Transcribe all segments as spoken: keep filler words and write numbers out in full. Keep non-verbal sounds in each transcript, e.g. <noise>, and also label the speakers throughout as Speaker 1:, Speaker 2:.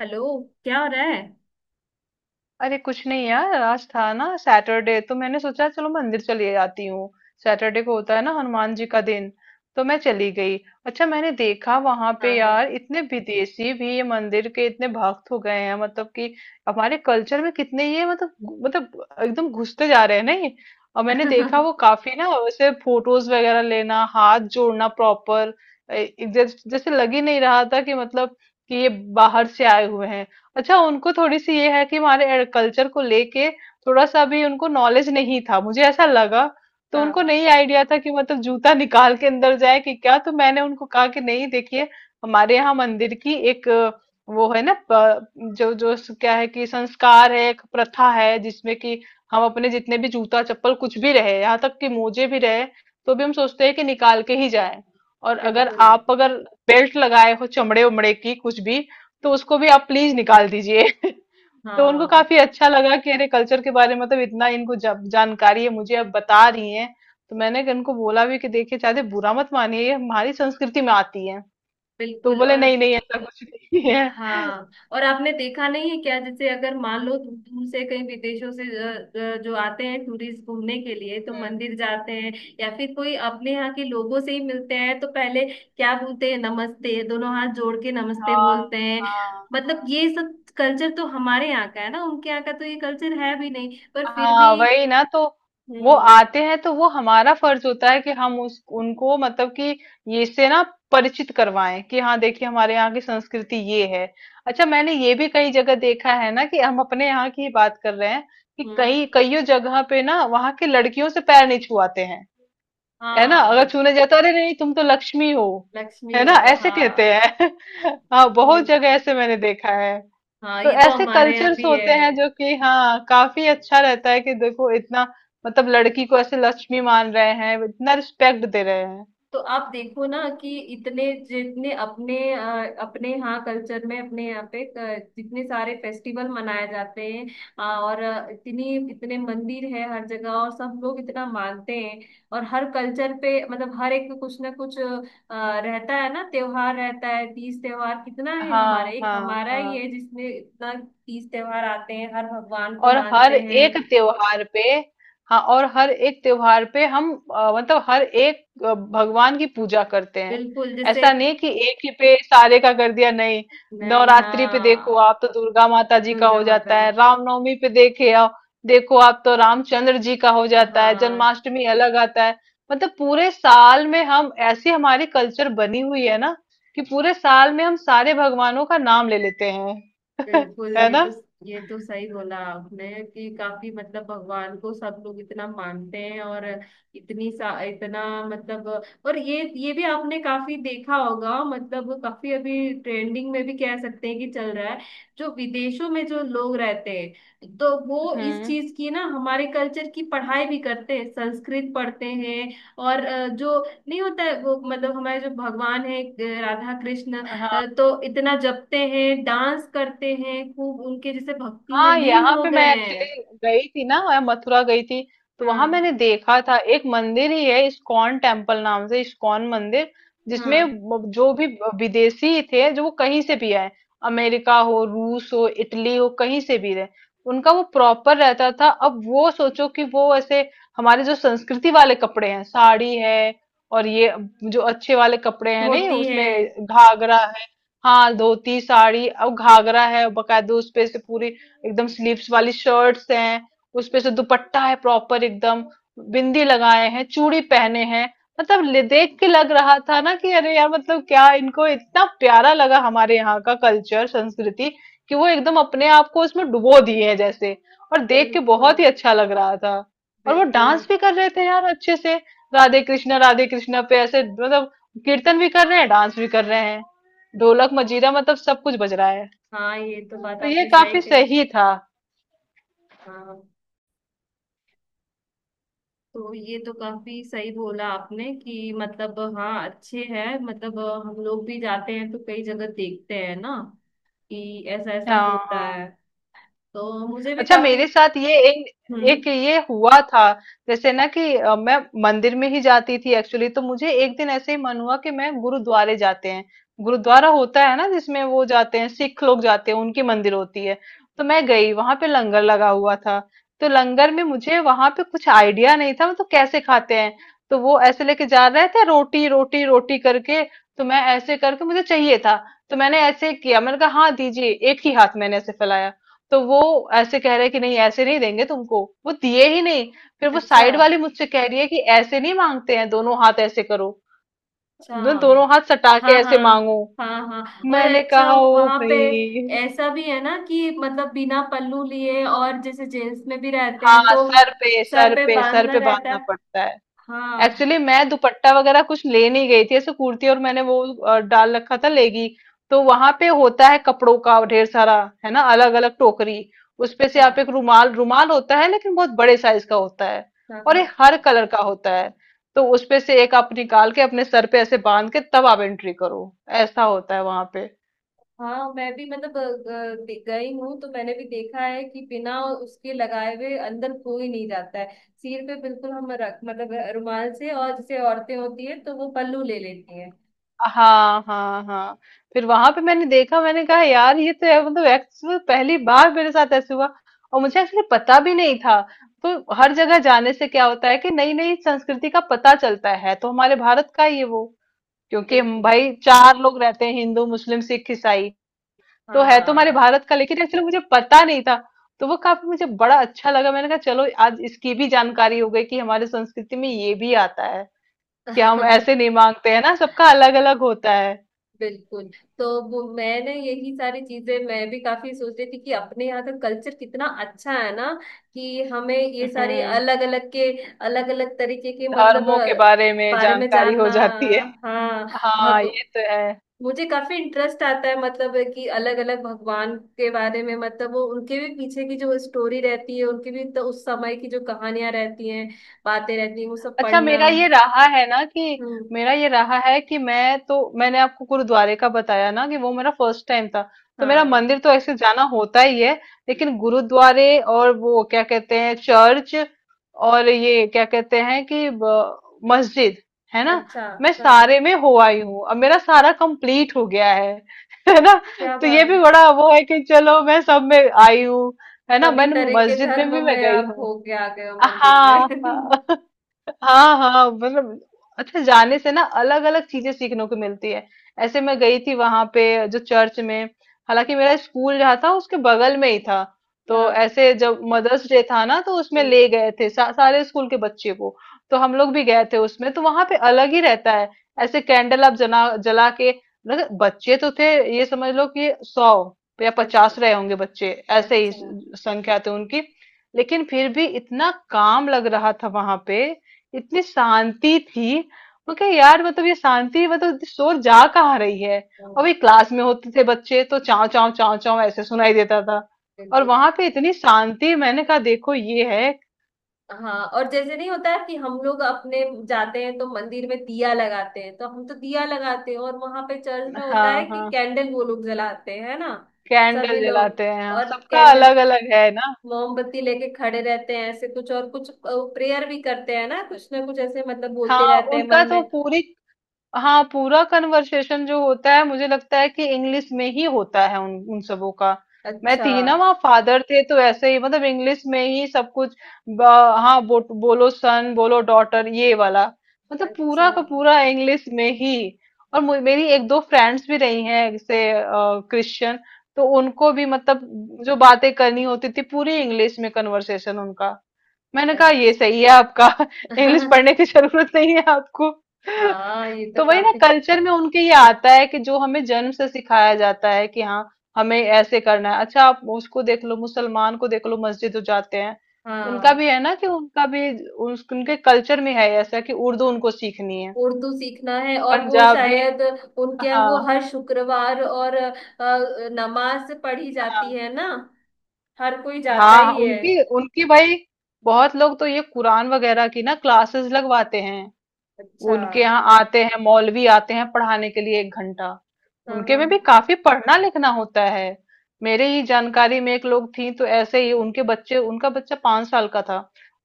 Speaker 1: Hello. क्या हो रहा है।
Speaker 2: अरे कुछ नहीं यार, आज था ना सैटरडे, तो मैंने सोचा चलो मंदिर चली जाती हूँ। सैटरडे को होता है ना हनुमान जी का दिन। तो मैं चली गई। अच्छा, मैंने देखा वहां
Speaker 1: हाँ,
Speaker 2: पे
Speaker 1: हाँ।
Speaker 2: यार इतने विदेशी भी ये मंदिर के इतने भक्त हो गए हैं, मतलब कि हमारे कल्चर में कितने ये मतलब घु- मतलब एकदम घुसते जा रहे हैं, नहीं। और मैंने देखा वो
Speaker 1: <laughs>
Speaker 2: काफी ना, वैसे फोटोज वगैरह लेना, हाथ जोड़ना प्रॉपर। जैसे जैसे लग ही नहीं रहा था कि मतलब कि ये बाहर से आए हुए हैं। अच्छा, उनको थोड़ी-सी ये है कि हमारे कल्चर को लेके थोड़ा-सा भी उनको नॉलेज नहीं था, मुझे ऐसा लगा। तो उनको
Speaker 1: हाँ,
Speaker 2: नहीं आईडिया था कि मतलब जूता निकाल के अंदर जाए कि क्या, तो मैंने उनको कहा कि नहीं देखिए, हमारे यहाँ मंदिर की एक अ, वो है ना प जो जो स क्या है कि संस्कार है, एक प्रथा है जिसमें कि हम अपने जितने भी जूता-चप्पल कुछ भी रहे, यहाँ तक कि मोजे भी रहे, तो भी हम सोचते हैं कि निकाल के ही जाएँ। और अगर
Speaker 1: बिल्कुल।
Speaker 2: आप अगर बेल्ट लगाए हो चमड़े-वमड़े की कुछ भी, तो उसको भी आप प्लीज निकाल दीजिए <laughs> तो उनको
Speaker 1: हाँ,
Speaker 2: काफी अच्छा लगा कि अरे कल्चर के बारे में मतलब इतना इनको जा, जानकारी है, मुझे अब बता रही हैं। तो मैंने इनको बोला भी कि देखिए, चाहते बुरा मत मानिए, ये हमारी संस्कृति में आती है। तो
Speaker 1: बिल्कुल।
Speaker 2: बोले
Speaker 1: और
Speaker 2: नहीं नहीं, ऐसा कुछ नहीं है <laughs>
Speaker 1: हाँ, और आपने देखा नहीं है क्या, जैसे अगर मान लो दू- दूर से कहीं विदेशों से अ, अ, जो आते हैं टूरिस्ट घूमने के लिए तो
Speaker 2: हम्म,
Speaker 1: मंदिर जाते हैं, या फिर कोई अपने यहाँ के लोगों से ही मिलते हैं तो पहले क्या बोलते हैं, नमस्ते, दोनों हाथ जोड़ के नमस्ते
Speaker 2: हाँ
Speaker 1: बोलते हैं।
Speaker 2: हाँ।
Speaker 1: मतलब
Speaker 2: हाँ
Speaker 1: ये सब कल्चर तो हमारे यहाँ का है ना, उनके यहाँ का तो ये कल्चर है भी नहीं, पर फिर भी।
Speaker 2: हाँ, वही ना। तो वो
Speaker 1: हम्म।
Speaker 2: आते हैं तो वो हमारा फर्ज होता है कि हम उस उनको मतलब कि ये से ना परिचित करवाएं कि हाँ देखिए, हमारे यहाँ की संस्कृति ये है। अच्छा, मैंने ये भी कई जगह देखा है ना कि हम अपने यहाँ की ही बात कर रहे हैं कि
Speaker 1: हम्म।
Speaker 2: कई कईयों जगह पे ना वहाँ की लड़कियों से पैर नहीं छुआते हैं। है ना, अगर
Speaker 1: हाँ।
Speaker 2: छूने जाता, अरे नहीं तुम तो लक्ष्मी हो,
Speaker 1: लक्ष्मी
Speaker 2: है ना,
Speaker 1: हो।
Speaker 2: ऐसे कहते
Speaker 1: हाँ
Speaker 2: हैं। <laughs> हाँ, बहुत
Speaker 1: ये
Speaker 2: जगह ऐसे मैंने देखा है।
Speaker 1: हाँ,
Speaker 2: तो
Speaker 1: ये तो
Speaker 2: ऐसे
Speaker 1: हमारे यहाँ
Speaker 2: कल्चर्स
Speaker 1: भी है।
Speaker 2: होते हैं जो कि हाँ, काफी अच्छा रहता है कि देखो इतना मतलब लड़की को ऐसे लक्ष्मी मान रहे हैं, इतना रिस्पेक्ट दे रहे हैं।
Speaker 1: तो आप देखो ना कि इतने जितने अपने अ, अपने यहाँ कल्चर में, अपने यहाँ पे अ, जितने सारे फेस्टिवल मनाए जाते हैं, अ, और अ, इतनी इतने मंदिर है हर जगह, और सब लोग इतना मानते हैं। और हर कल्चर पे मतलब हर एक कुछ ना कुछ अ, रहता है ना, त्योहार रहता है, तीज त्योहार कितना है,
Speaker 2: हाँ
Speaker 1: हमारे एक
Speaker 2: हाँ।
Speaker 1: हमारा ही
Speaker 2: हाँ
Speaker 1: है जिसमें इतना तीज त्योहार आते हैं, हर भगवान को
Speaker 2: और हर
Speaker 1: मानते हैं।
Speaker 2: एक त्योहार पे हाँ, और हर एक त्योहार पे हम अ, मतलब हर एक अ, भगवान की पूजा करते हैं।
Speaker 1: बिल्कुल जैसे।
Speaker 2: ऐसा नहीं कि एक ही पे सारे का कर दिया, नहीं।
Speaker 1: नहीं,
Speaker 2: नवरात्रि पे देखो
Speaker 1: हाँ।
Speaker 2: आप तो दुर्गा माता जी का
Speaker 1: दुर्गा
Speaker 2: हो
Speaker 1: माता।
Speaker 2: जाता है, रामनवमी पे देखे आप देखो आप तो रामचंद्र जी का हो जाता है,
Speaker 1: हाँ,
Speaker 2: जन्माष्टमी अलग आता है। मतलब पूरे साल में हम ऐसी हमारी कल्चर बनी हुई है ना कि पूरे साल में हम सारे भगवानों का नाम ले लेते हैं <laughs>
Speaker 1: बिल्कुल।
Speaker 2: है
Speaker 1: ये
Speaker 2: ना।
Speaker 1: तो ये तो सही बोला आपने कि काफी मतलब भगवान को सब लोग इतना मानते हैं। और इतनी सा इतना मतलब। और ये ये भी आपने काफी देखा होगा, मतलब काफी अभी ट्रेंडिंग में भी कह सकते हैं कि चल रहा है, जो विदेशों में जो लोग रहते हैं तो वो इस
Speaker 2: हम्म,
Speaker 1: चीज की ना, हमारे कल्चर की पढ़ाई भी करते हैं, संस्कृत पढ़ते हैं। और अ, जो नहीं होता है वो मतलब हमारे जो भगवान है, राधा कृष्ण,
Speaker 2: हाँ
Speaker 1: अ, तो इतना जपते हैं, डांस करते हैं, खूब उनके जैसे भक्ति में
Speaker 2: हाँ।
Speaker 1: लीन
Speaker 2: यहाँ
Speaker 1: हो
Speaker 2: पे मैं
Speaker 1: गए हैं।
Speaker 2: एक्चुअली गई थी ना, मैं मथुरा गई थी। तो वहां
Speaker 1: हाँ,
Speaker 2: मैंने देखा था, एक मंदिर ही है इस्कॉन टेम्पल नाम से, इस्कॉन मंदिर, जिसमें
Speaker 1: हाँ।
Speaker 2: ब- जो भी ब- विदेशी थे, जो वो कहीं से भी आए, अमेरिका हो, रूस हो, इटली हो, कहीं से भी रहे, उनका वो प्रॉपर रहता था। अब वो सोचो कि वो ऐसे हमारे जो संस्कृति वाले कपड़े हैं, साड़ी है और ये जो अच्छे वाले कपड़े हैं नहीं,
Speaker 1: होती है।
Speaker 2: उसमें घाघरा है। हाँ धोती साड़ी, अब घाघरा है बकायदे, उस पे से पूरी एकदम स्लीव्स वाली शर्ट्स हैं, उसपे से दुपट्टा है प्रॉपर एकदम, बिंदी लगाए हैं, चूड़ी पहने हैं। मतलब ले- देख के लग रहा था ना कि अरे यार, मतलब क्या इनको इतना प्यारा लगा हमारे यहाँ का कल्चर संस्कृति, कि वो एकदम अपने आप को उसमें डुबो दिए हैं जैसे। और देख के
Speaker 1: बिल्कुल,
Speaker 2: बहुत ही अच्छा लग रहा था। और वो
Speaker 1: बिल्कुल।
Speaker 2: डांस भी कर रहे थे यार अच्छे से। राधे कृष्णा राधे कृष्णा पे ऐसे मतलब कीर्तन भी कर रहे हैं, डांस भी कर रहे हैं, ढोलक मजीरा मतलब सब कुछ बज रहा है।
Speaker 1: हाँ, ये तो बात
Speaker 2: तो ये
Speaker 1: आपने सही
Speaker 2: काफी
Speaker 1: कही।
Speaker 2: सही था।
Speaker 1: हाँ, तो ये तो काफी सही बोला आपने कि मतलब हाँ, अच्छे हैं, मतलब अ, हम लोग भी जाते हैं तो कई जगह देखते हैं ना कि ऐसा ऐसा
Speaker 2: हाँ
Speaker 1: होता
Speaker 2: हाँ।
Speaker 1: है। तो मुझे भी
Speaker 2: अच्छा,
Speaker 1: काफी।
Speaker 2: मेरे साथ ये एक
Speaker 1: हम्म।
Speaker 2: एक ये हुआ था। जैसे ना कि अ, मैं मंदिर में ही जाती थी एक्चुअली, तो मुझे एक दिन ऐसे ही मन हुआ कि मैं गुरुद्वारे जाते हैं। गुरुद्वारा होता है ना जिसमें वो जाते हैं, सिख लोग जाते हैं, उनकी मंदिर होती है। तो मैं गई, वहां पे लंगर लगा हुआ था। तो लंगर में मुझे वहां पे कुछ आइडिया नहीं था मतलब कैसे खाते हैं। तो वो ऐसे लेके जा रहे थे, रोटी रोटी रोटी करके। तो मैं ऐसे करके, मुझे चाहिए था। तो मैंने ऐसे किया, मैंने कहा हाँ दीजिए, एक ही हाथ मैंने ऐसे फैलाया। तो वो ऐसे कह रहे हैं कि नहीं, ऐसे नहीं देंगे तुमको, वो दिए ही नहीं। फिर वो
Speaker 1: अच्छा।
Speaker 2: साइड वाली मुझसे कह रही है कि ऐसे नहीं मांगते हैं, दोनों हाथ ऐसे करो।
Speaker 1: अच्छा।
Speaker 2: दो, दोनों हाथ सटा के
Speaker 1: हाँ,
Speaker 2: ऐसे
Speaker 1: हाँ।
Speaker 2: मांगो।
Speaker 1: हाँ, हाँ। और
Speaker 2: मैंने
Speaker 1: अच्छा,
Speaker 2: कहा ओ
Speaker 1: वहां पे
Speaker 2: भाई।
Speaker 1: ऐसा भी है ना कि मतलब बिना पल्लू लिए, और जैसे जेंट्स में भी रहते हैं
Speaker 2: हाँ,
Speaker 1: तो
Speaker 2: सर पे
Speaker 1: सर
Speaker 2: सर
Speaker 1: पे
Speaker 2: पे सर
Speaker 1: बांधना
Speaker 2: पे
Speaker 1: रहता
Speaker 2: बांधना
Speaker 1: है।
Speaker 2: पड़ता है।
Speaker 1: हाँ।
Speaker 2: एक्चुअली मैं दुपट्टा वगैरह कुछ ले नहीं गई थी, ऐसे कुर्ती और मैंने वो अ, डाल रखा था लेगी। तो वहां पे होता है कपड़ों का ढेर सारा, है ना, अलग अलग टोकरी। उसपे से
Speaker 1: अच्छा।
Speaker 2: आप एक रुमाल, रुमाल होता है लेकिन बहुत बड़े साइज का होता है।
Speaker 1: हाँ,
Speaker 2: और
Speaker 1: हाँ,
Speaker 2: ये हर कलर का होता है। तो उसपे से एक आप निकाल के अपने सर पे ऐसे बांध के तब आप एंट्री करो। ऐसा होता है वहां पे।
Speaker 1: हाँ। मैं भी मतलब अ, अ, दे- गई हूँ तो मैंने भी देखा है कि बिना उसके लगाए हुए अंदर कोई नहीं जाता है। सिर पे बिल्कुल हम रख मतलब रुमाल से, और जैसे औरतें होती है तो वो पल्लू ले लेती हैं।
Speaker 2: हाँ हाँ हाँ। फिर वहां पे मैंने देखा, मैंने कहा यार ये तो है मतलब, एक्चुअली पहली बार मेरे साथ ऐसे हुआ। और मुझे एक्चुअली पता भी नहीं था। तो हर जगह जाने से क्या होता है कि नई नई संस्कृति का पता चलता है। तो हमारे भारत का ही है वो, क्योंकि हम
Speaker 1: बिल्कुल।
Speaker 2: भाई चार लोग रहते हैं, हिंदू मुस्लिम सिख ईसाई। तो है तो हमारे
Speaker 1: हाँ।
Speaker 2: भारत का, लेकिन एक्चुअली मुझे पता नहीं था। तो वो काफी मुझे बड़ा अच्छा लगा, मैंने कहा चलो आज इसकी भी जानकारी हो गई कि हमारे संस्कृति में ये भी आता है कि हम ऐसे
Speaker 1: <laughs>
Speaker 2: नहीं मांगते हैं ना, सबका अलग अलग होता है।
Speaker 1: बिल्कुल। तो वो मैंने यही सारी चीजें मैं भी काफी सोच रही थी कि अपने यहाँ का कल्चर कितना अच्छा है ना, कि हमें ये सारी
Speaker 2: हम्म,
Speaker 1: अलग अलग के अलग अलग तरीके के मतलब
Speaker 2: धर्मों के
Speaker 1: अ,
Speaker 2: बारे में
Speaker 1: बारे में
Speaker 2: जानकारी हो
Speaker 1: जानना।
Speaker 2: जाती है।
Speaker 1: हाँ।
Speaker 2: हाँ,
Speaker 1: भग
Speaker 2: ये तो है।
Speaker 1: मुझे काफी इंटरेस्ट आता है, मतलब कि अलग अलग भगवान के बारे में, मतलब वो उनके भी पीछे की जो स्टोरी रहती है, उनके भी तो उस समय की जो कहानियां रहती हैं, बातें रहती हैं, वो सब
Speaker 2: अच्छा,
Speaker 1: पढ़ना।
Speaker 2: मेरा ये रहा है ना कि
Speaker 1: हम्म।
Speaker 2: मेरा ये रहा है कि मैं तो मैंने आपको गुरुद्वारे का बताया ना कि वो मेरा फर्स्ट टाइम था। तो मेरा
Speaker 1: हाँ।
Speaker 2: मंदिर तो ऐसे जाना होता ही है, लेकिन गुरुद्वारे और वो क्या कहते हैं चर्च, और ये क्या कहते हैं कि ब- मस्जिद, है ना।
Speaker 1: अच्छा।
Speaker 2: मैं
Speaker 1: हाँ,
Speaker 2: सारे में हो आई हूँ, अब मेरा सारा कंप्लीट हो गया है <laughs> है ना।
Speaker 1: क्या
Speaker 2: तो
Speaker 1: बात
Speaker 2: ये भी
Speaker 1: है।
Speaker 2: बड़ा वो है कि चलो मैं सब में आई हूँ। है ना,
Speaker 1: सभी
Speaker 2: मैंने
Speaker 1: तरह के
Speaker 2: मस्जिद में भी
Speaker 1: धर्म
Speaker 2: मैं
Speaker 1: में
Speaker 2: गई
Speaker 1: आप
Speaker 2: हूँ।
Speaker 1: होके आ गए हो, मंदिर
Speaker 2: हाँ हाँ।
Speaker 1: में।
Speaker 2: हाँ हाँ मतलब, अच्छा जाने से ना अलग अलग चीजें सीखने को मिलती है। ऐसे मैं गई थी वहां पे जो चर्च में, हालांकि मेरा स्कूल जहाँ था उसके बगल में ही था।
Speaker 1: <laughs>
Speaker 2: तो
Speaker 1: हाँ।
Speaker 2: ऐसे जब मदर्स डे था ना तो उसमें
Speaker 1: हम्म।
Speaker 2: ले गए थे सा, सारे स्कूल के बच्चे को। तो हम लोग भी गए थे उसमें, तो वहां पे अलग ही रहता है। ऐसे कैंडल आप जना जला के। मतलब बच्चे तो थे, ये समझ लो कि सौ या
Speaker 1: अच्छा,
Speaker 2: पचास रहे होंगे बच्चे, ऐसे ही
Speaker 1: अच्छा।
Speaker 2: संख्या थे उनकी। लेकिन फिर भी इतना काम लग रहा था वहां पे, इतनी शांति थी। मैं कहा यार मतलब ये शांति, मतलब इतनी शोर जा कहाँ रही है। और
Speaker 1: हाँ,
Speaker 2: भाई क्लास में होते थे बच्चे तो चाव चाव चाव चाव ऐसे सुनाई देता था। और
Speaker 1: बिल्कुल।
Speaker 2: वहां पे इतनी शांति, मैंने कहा देखो ये है।
Speaker 1: हाँ, और जैसे नहीं होता है कि हम लोग अपने जाते हैं तो मंदिर में दिया लगाते हैं, तो हम तो दिया लगाते हैं, और वहां पे चर्च में होता है
Speaker 2: हाँ
Speaker 1: कि
Speaker 2: हाँ,
Speaker 1: कैंडल वो लोग जलाते हैं, है ना। सभी
Speaker 2: कैंडल
Speaker 1: लोग,
Speaker 2: जलाते हैं हाँ,
Speaker 1: और
Speaker 2: सबका
Speaker 1: कैंडल,
Speaker 2: अलग अलग है ना।
Speaker 1: मोमबत्ती लेके खड़े रहते हैं ऐसे, कुछ और कुछ प्रेयर भी करते हैं ना, कुछ ना कुछ ऐसे मतलब बोलते
Speaker 2: हाँ
Speaker 1: रहते हैं
Speaker 2: उनका
Speaker 1: मन
Speaker 2: तो
Speaker 1: में।
Speaker 2: पूरी हाँ, पूरा कन्वर्सेशन जो होता है मुझे लगता है कि इंग्लिश में ही होता है उन उन सबों का। मैं
Speaker 1: अच्छा।
Speaker 2: थी ना, वहाँ फादर थे तो ऐसे ही मतलब इंग्लिश में ही सब कुछ, ब- हाँ, बो, बोलो सन, बोलो डॉटर, ये वाला। मतलब
Speaker 1: अच्छा।
Speaker 2: पूरा का पूरा इंग्लिश में ही। और मु- मेरी एक दो फ्रेंड्स भी रही हैं, जैसे क्रिश्चियन। तो उनको भी मतलब जो बातें करनी होती थी पूरी इंग्लिश में कन्वर्सेशन उनका। मैंने कहा ये
Speaker 1: अच्छा।
Speaker 2: सही है आपका <laughs> इंग्लिश पढ़ने
Speaker 1: <laughs>
Speaker 2: की जरूरत नहीं है आपको <laughs>
Speaker 1: हाँ, ये तो
Speaker 2: तो वही ना,
Speaker 1: काफी।
Speaker 2: कल्चर में उनके ये आता है कि जो हमें जन्म से सिखाया जाता है कि हाँ हमें ऐसे करना है। अच्छा, आप उसको देख लो, मुसलमान को देख लो, मस्जिद जो जाते हैं, उनका
Speaker 1: हाँ,
Speaker 2: भी है ना कि उनका भी उस- उनके कल्चर में है ऐसा कि उर्दू उनको सीखनी है।
Speaker 1: उर्दू सीखना है, और वो
Speaker 2: पंजाबी।
Speaker 1: शायद उनके यहाँ,
Speaker 2: हाँ
Speaker 1: वो हर शुक्रवार और अ, अ, नमाज पढ़ी जाती
Speaker 2: हाँ
Speaker 1: है ना, हर कोई जाता
Speaker 2: हाँ,
Speaker 1: ही है।
Speaker 2: उनकी उनकी भाई बहुत लोग तो ये कुरान वगैरह की ना क्लासेस लगवाते हैं।
Speaker 1: अच्छा।
Speaker 2: उनके यहाँ आते हैं, मौलवी आते हैं पढ़ाने के लिए एक घंटा।
Speaker 1: हाँ,
Speaker 2: उनके
Speaker 1: हाँ,
Speaker 2: में भी काफी पढ़ना लिखना होता है। मेरे ही जानकारी में एक लोग थी, तो ऐसे ही उनके बच्चे उनका बच्चा पांच साल का था।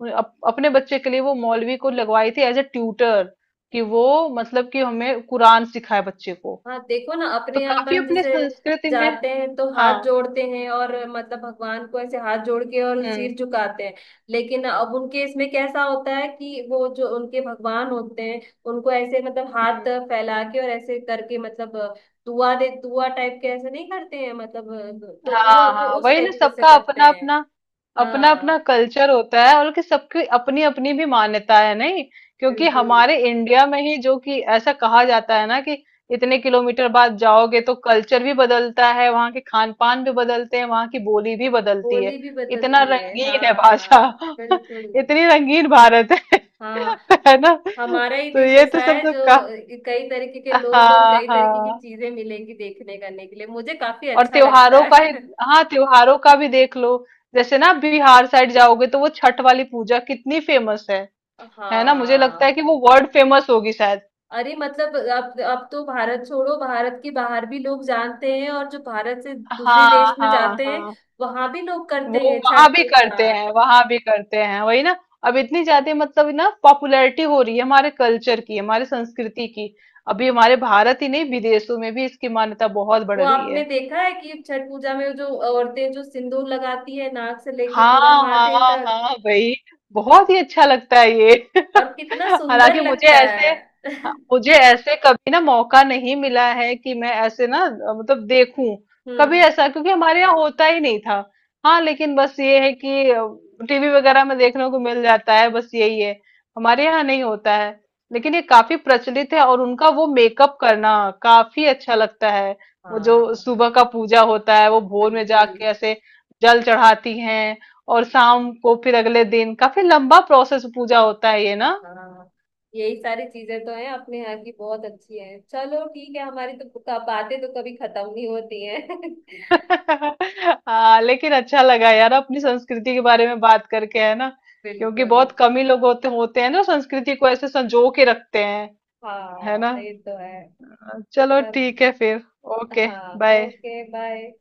Speaker 2: उन- अप, अपने बच्चे के लिए वो मौलवी को लगवाई थी एज ए ट्यूटर, कि वो मतलब कि हमें कुरान सिखाए बच्चे को।
Speaker 1: हाँ। देखो ना
Speaker 2: तो
Speaker 1: अपने यहाँ
Speaker 2: काफी
Speaker 1: अपन
Speaker 2: अपने
Speaker 1: जैसे
Speaker 2: संस्कृति में।
Speaker 1: जाते हैं तो
Speaker 2: हाँ।
Speaker 1: हाथ जोड़ते हैं और मतलब भगवान को ऐसे हाथ जोड़ के और
Speaker 2: हम्म
Speaker 1: सिर झुकाते हैं। लेकिन अब उनके इसमें कैसा होता है कि वो जो उनके भगवान होते हैं, उनको ऐसे मतलब हाथ
Speaker 2: हम्म।
Speaker 1: फैला के और ऐसे करके मतलब दुआ दे दुआ टाइप के, ऐसे नहीं करते हैं मतलब, तो वो
Speaker 2: हाँ
Speaker 1: वो
Speaker 2: हाँ,
Speaker 1: उस
Speaker 2: वही ना,
Speaker 1: टाइप के से
Speaker 2: सबका
Speaker 1: करते
Speaker 2: अपना
Speaker 1: हैं।
Speaker 2: अपना अपना अपना
Speaker 1: हाँ,
Speaker 2: कल्चर होता है और कि सबकी अपनी अपनी भी मान्यता है, नहीं। क्योंकि
Speaker 1: बिल्कुल।
Speaker 2: हमारे इंडिया में ही जो कि ऐसा कहा जाता है ना कि इतने किलोमीटर बाद जाओगे तो कल्चर भी बदलता है, वहाँ के खान पान भी बदलते हैं, वहाँ की बोली भी बदलती
Speaker 1: बोली
Speaker 2: है।
Speaker 1: भी
Speaker 2: इतना
Speaker 1: बदलती है,
Speaker 2: रंगीन है भाषा
Speaker 1: हाँ, बिल्कुल।
Speaker 2: <laughs> इतनी रंगीन भारत है
Speaker 1: हाँ,
Speaker 2: <laughs> है ना।
Speaker 1: हमारा ही
Speaker 2: तो
Speaker 1: देश
Speaker 2: ये तो
Speaker 1: ऐसा
Speaker 2: सब
Speaker 1: है
Speaker 2: तो
Speaker 1: जो
Speaker 2: का।
Speaker 1: कई तरीके के लोग और
Speaker 2: हाँ
Speaker 1: कई तरीके की
Speaker 2: हाँ।
Speaker 1: चीजें मिलेंगी देखने करने के लिए, मुझे काफी
Speaker 2: और
Speaker 1: अच्छा लगता
Speaker 2: त्योहारों का
Speaker 1: है।
Speaker 2: ही हाँ,
Speaker 1: <laughs>
Speaker 2: त्योहारों का भी देख लो। जैसे ना बिहार साइड जाओगे तो वो छठ वाली पूजा कितनी फेमस है है ना। मुझे लगता है
Speaker 1: हाँ।
Speaker 2: कि वो वर्ल्ड फेमस होगी शायद।
Speaker 1: अरे, मतलब अब अब तो भारत छोड़ो, भारत के बाहर भी लोग जानते हैं, और जो भारत से दूसरे
Speaker 2: हाँ
Speaker 1: देश में
Speaker 2: हाँ
Speaker 1: जाते हैं
Speaker 2: हाँ,
Speaker 1: वहां भी लोग
Speaker 2: वो
Speaker 1: करते हैं
Speaker 2: वहां
Speaker 1: छठ
Speaker 2: भी
Speaker 1: पूजा।
Speaker 2: करते हैं, वहां भी करते हैं वही ना। अब इतनी ज्यादा मतलब ना पॉपुलैरिटी हो रही है हमारे कल्चर की, हमारे संस्कृति की। अभी हमारे भारत ही नहीं विदेशों में भी इसकी मान्यता बहुत बढ़
Speaker 1: वो
Speaker 2: रही
Speaker 1: आपने
Speaker 2: है।
Speaker 1: देखा है कि छठ पूजा में जो औरतें जो सिंदूर लगाती है नाक से लेके
Speaker 2: हाँ,
Speaker 1: पूरा माथे
Speaker 2: हाँ,
Speaker 1: तक,
Speaker 2: हाँ, वही। बहुत ही अच्छा लगता है ये <laughs>
Speaker 1: और कितना सुंदर
Speaker 2: हालांकि मुझे
Speaker 1: लगता
Speaker 2: ऐसे
Speaker 1: है।
Speaker 2: हाँ,
Speaker 1: <laughs>
Speaker 2: मुझे ऐसे कभी ना मौका नहीं मिला है कि मैं ऐसे ना अ, मतलब देखूं कभी
Speaker 1: हम्म।
Speaker 2: ऐसा, क्योंकि हमारे यहाँ होता ही नहीं था। हाँ, लेकिन बस ये है कि टीवी वगैरह में देखने को मिल जाता है, बस यही है, हमारे यहाँ नहीं होता है। लेकिन ये काफी प्रचलित है, और उनका वो मेकअप करना काफी अच्छा लगता है। वो जो
Speaker 1: हाँ।
Speaker 2: सुबह का पूजा होता है वो भोर में
Speaker 1: बिल्कुल।
Speaker 2: जाके ऐसे जल चढ़ाती हैं, और शाम को फिर अगले दिन काफी लंबा प्रोसेस पूजा होता है ये ना।
Speaker 1: हाँ, यही सारी चीजें तो हैं अपने यहाँ की, बहुत अच्छी हैं, चलो ठीक है, हमारी तो क- बातें तो कभी खत्म नहीं होती हैं। <laughs>
Speaker 2: <laughs> हाँ, लेकिन अच्छा लगा यार, अपनी संस्कृति के बारे में बात करके, है ना, क्योंकि
Speaker 1: बिल्कुल।
Speaker 2: बहुत कम ही लोग होते होते हैं ना संस्कृति को ऐसे संजो के रखते हैं। है
Speaker 1: हाँ,
Speaker 2: ना,
Speaker 1: ये तो है।
Speaker 2: चलो
Speaker 1: चल।
Speaker 2: ठीक है फिर। ओके
Speaker 1: हाँ,
Speaker 2: बाय।
Speaker 1: Okay, bye.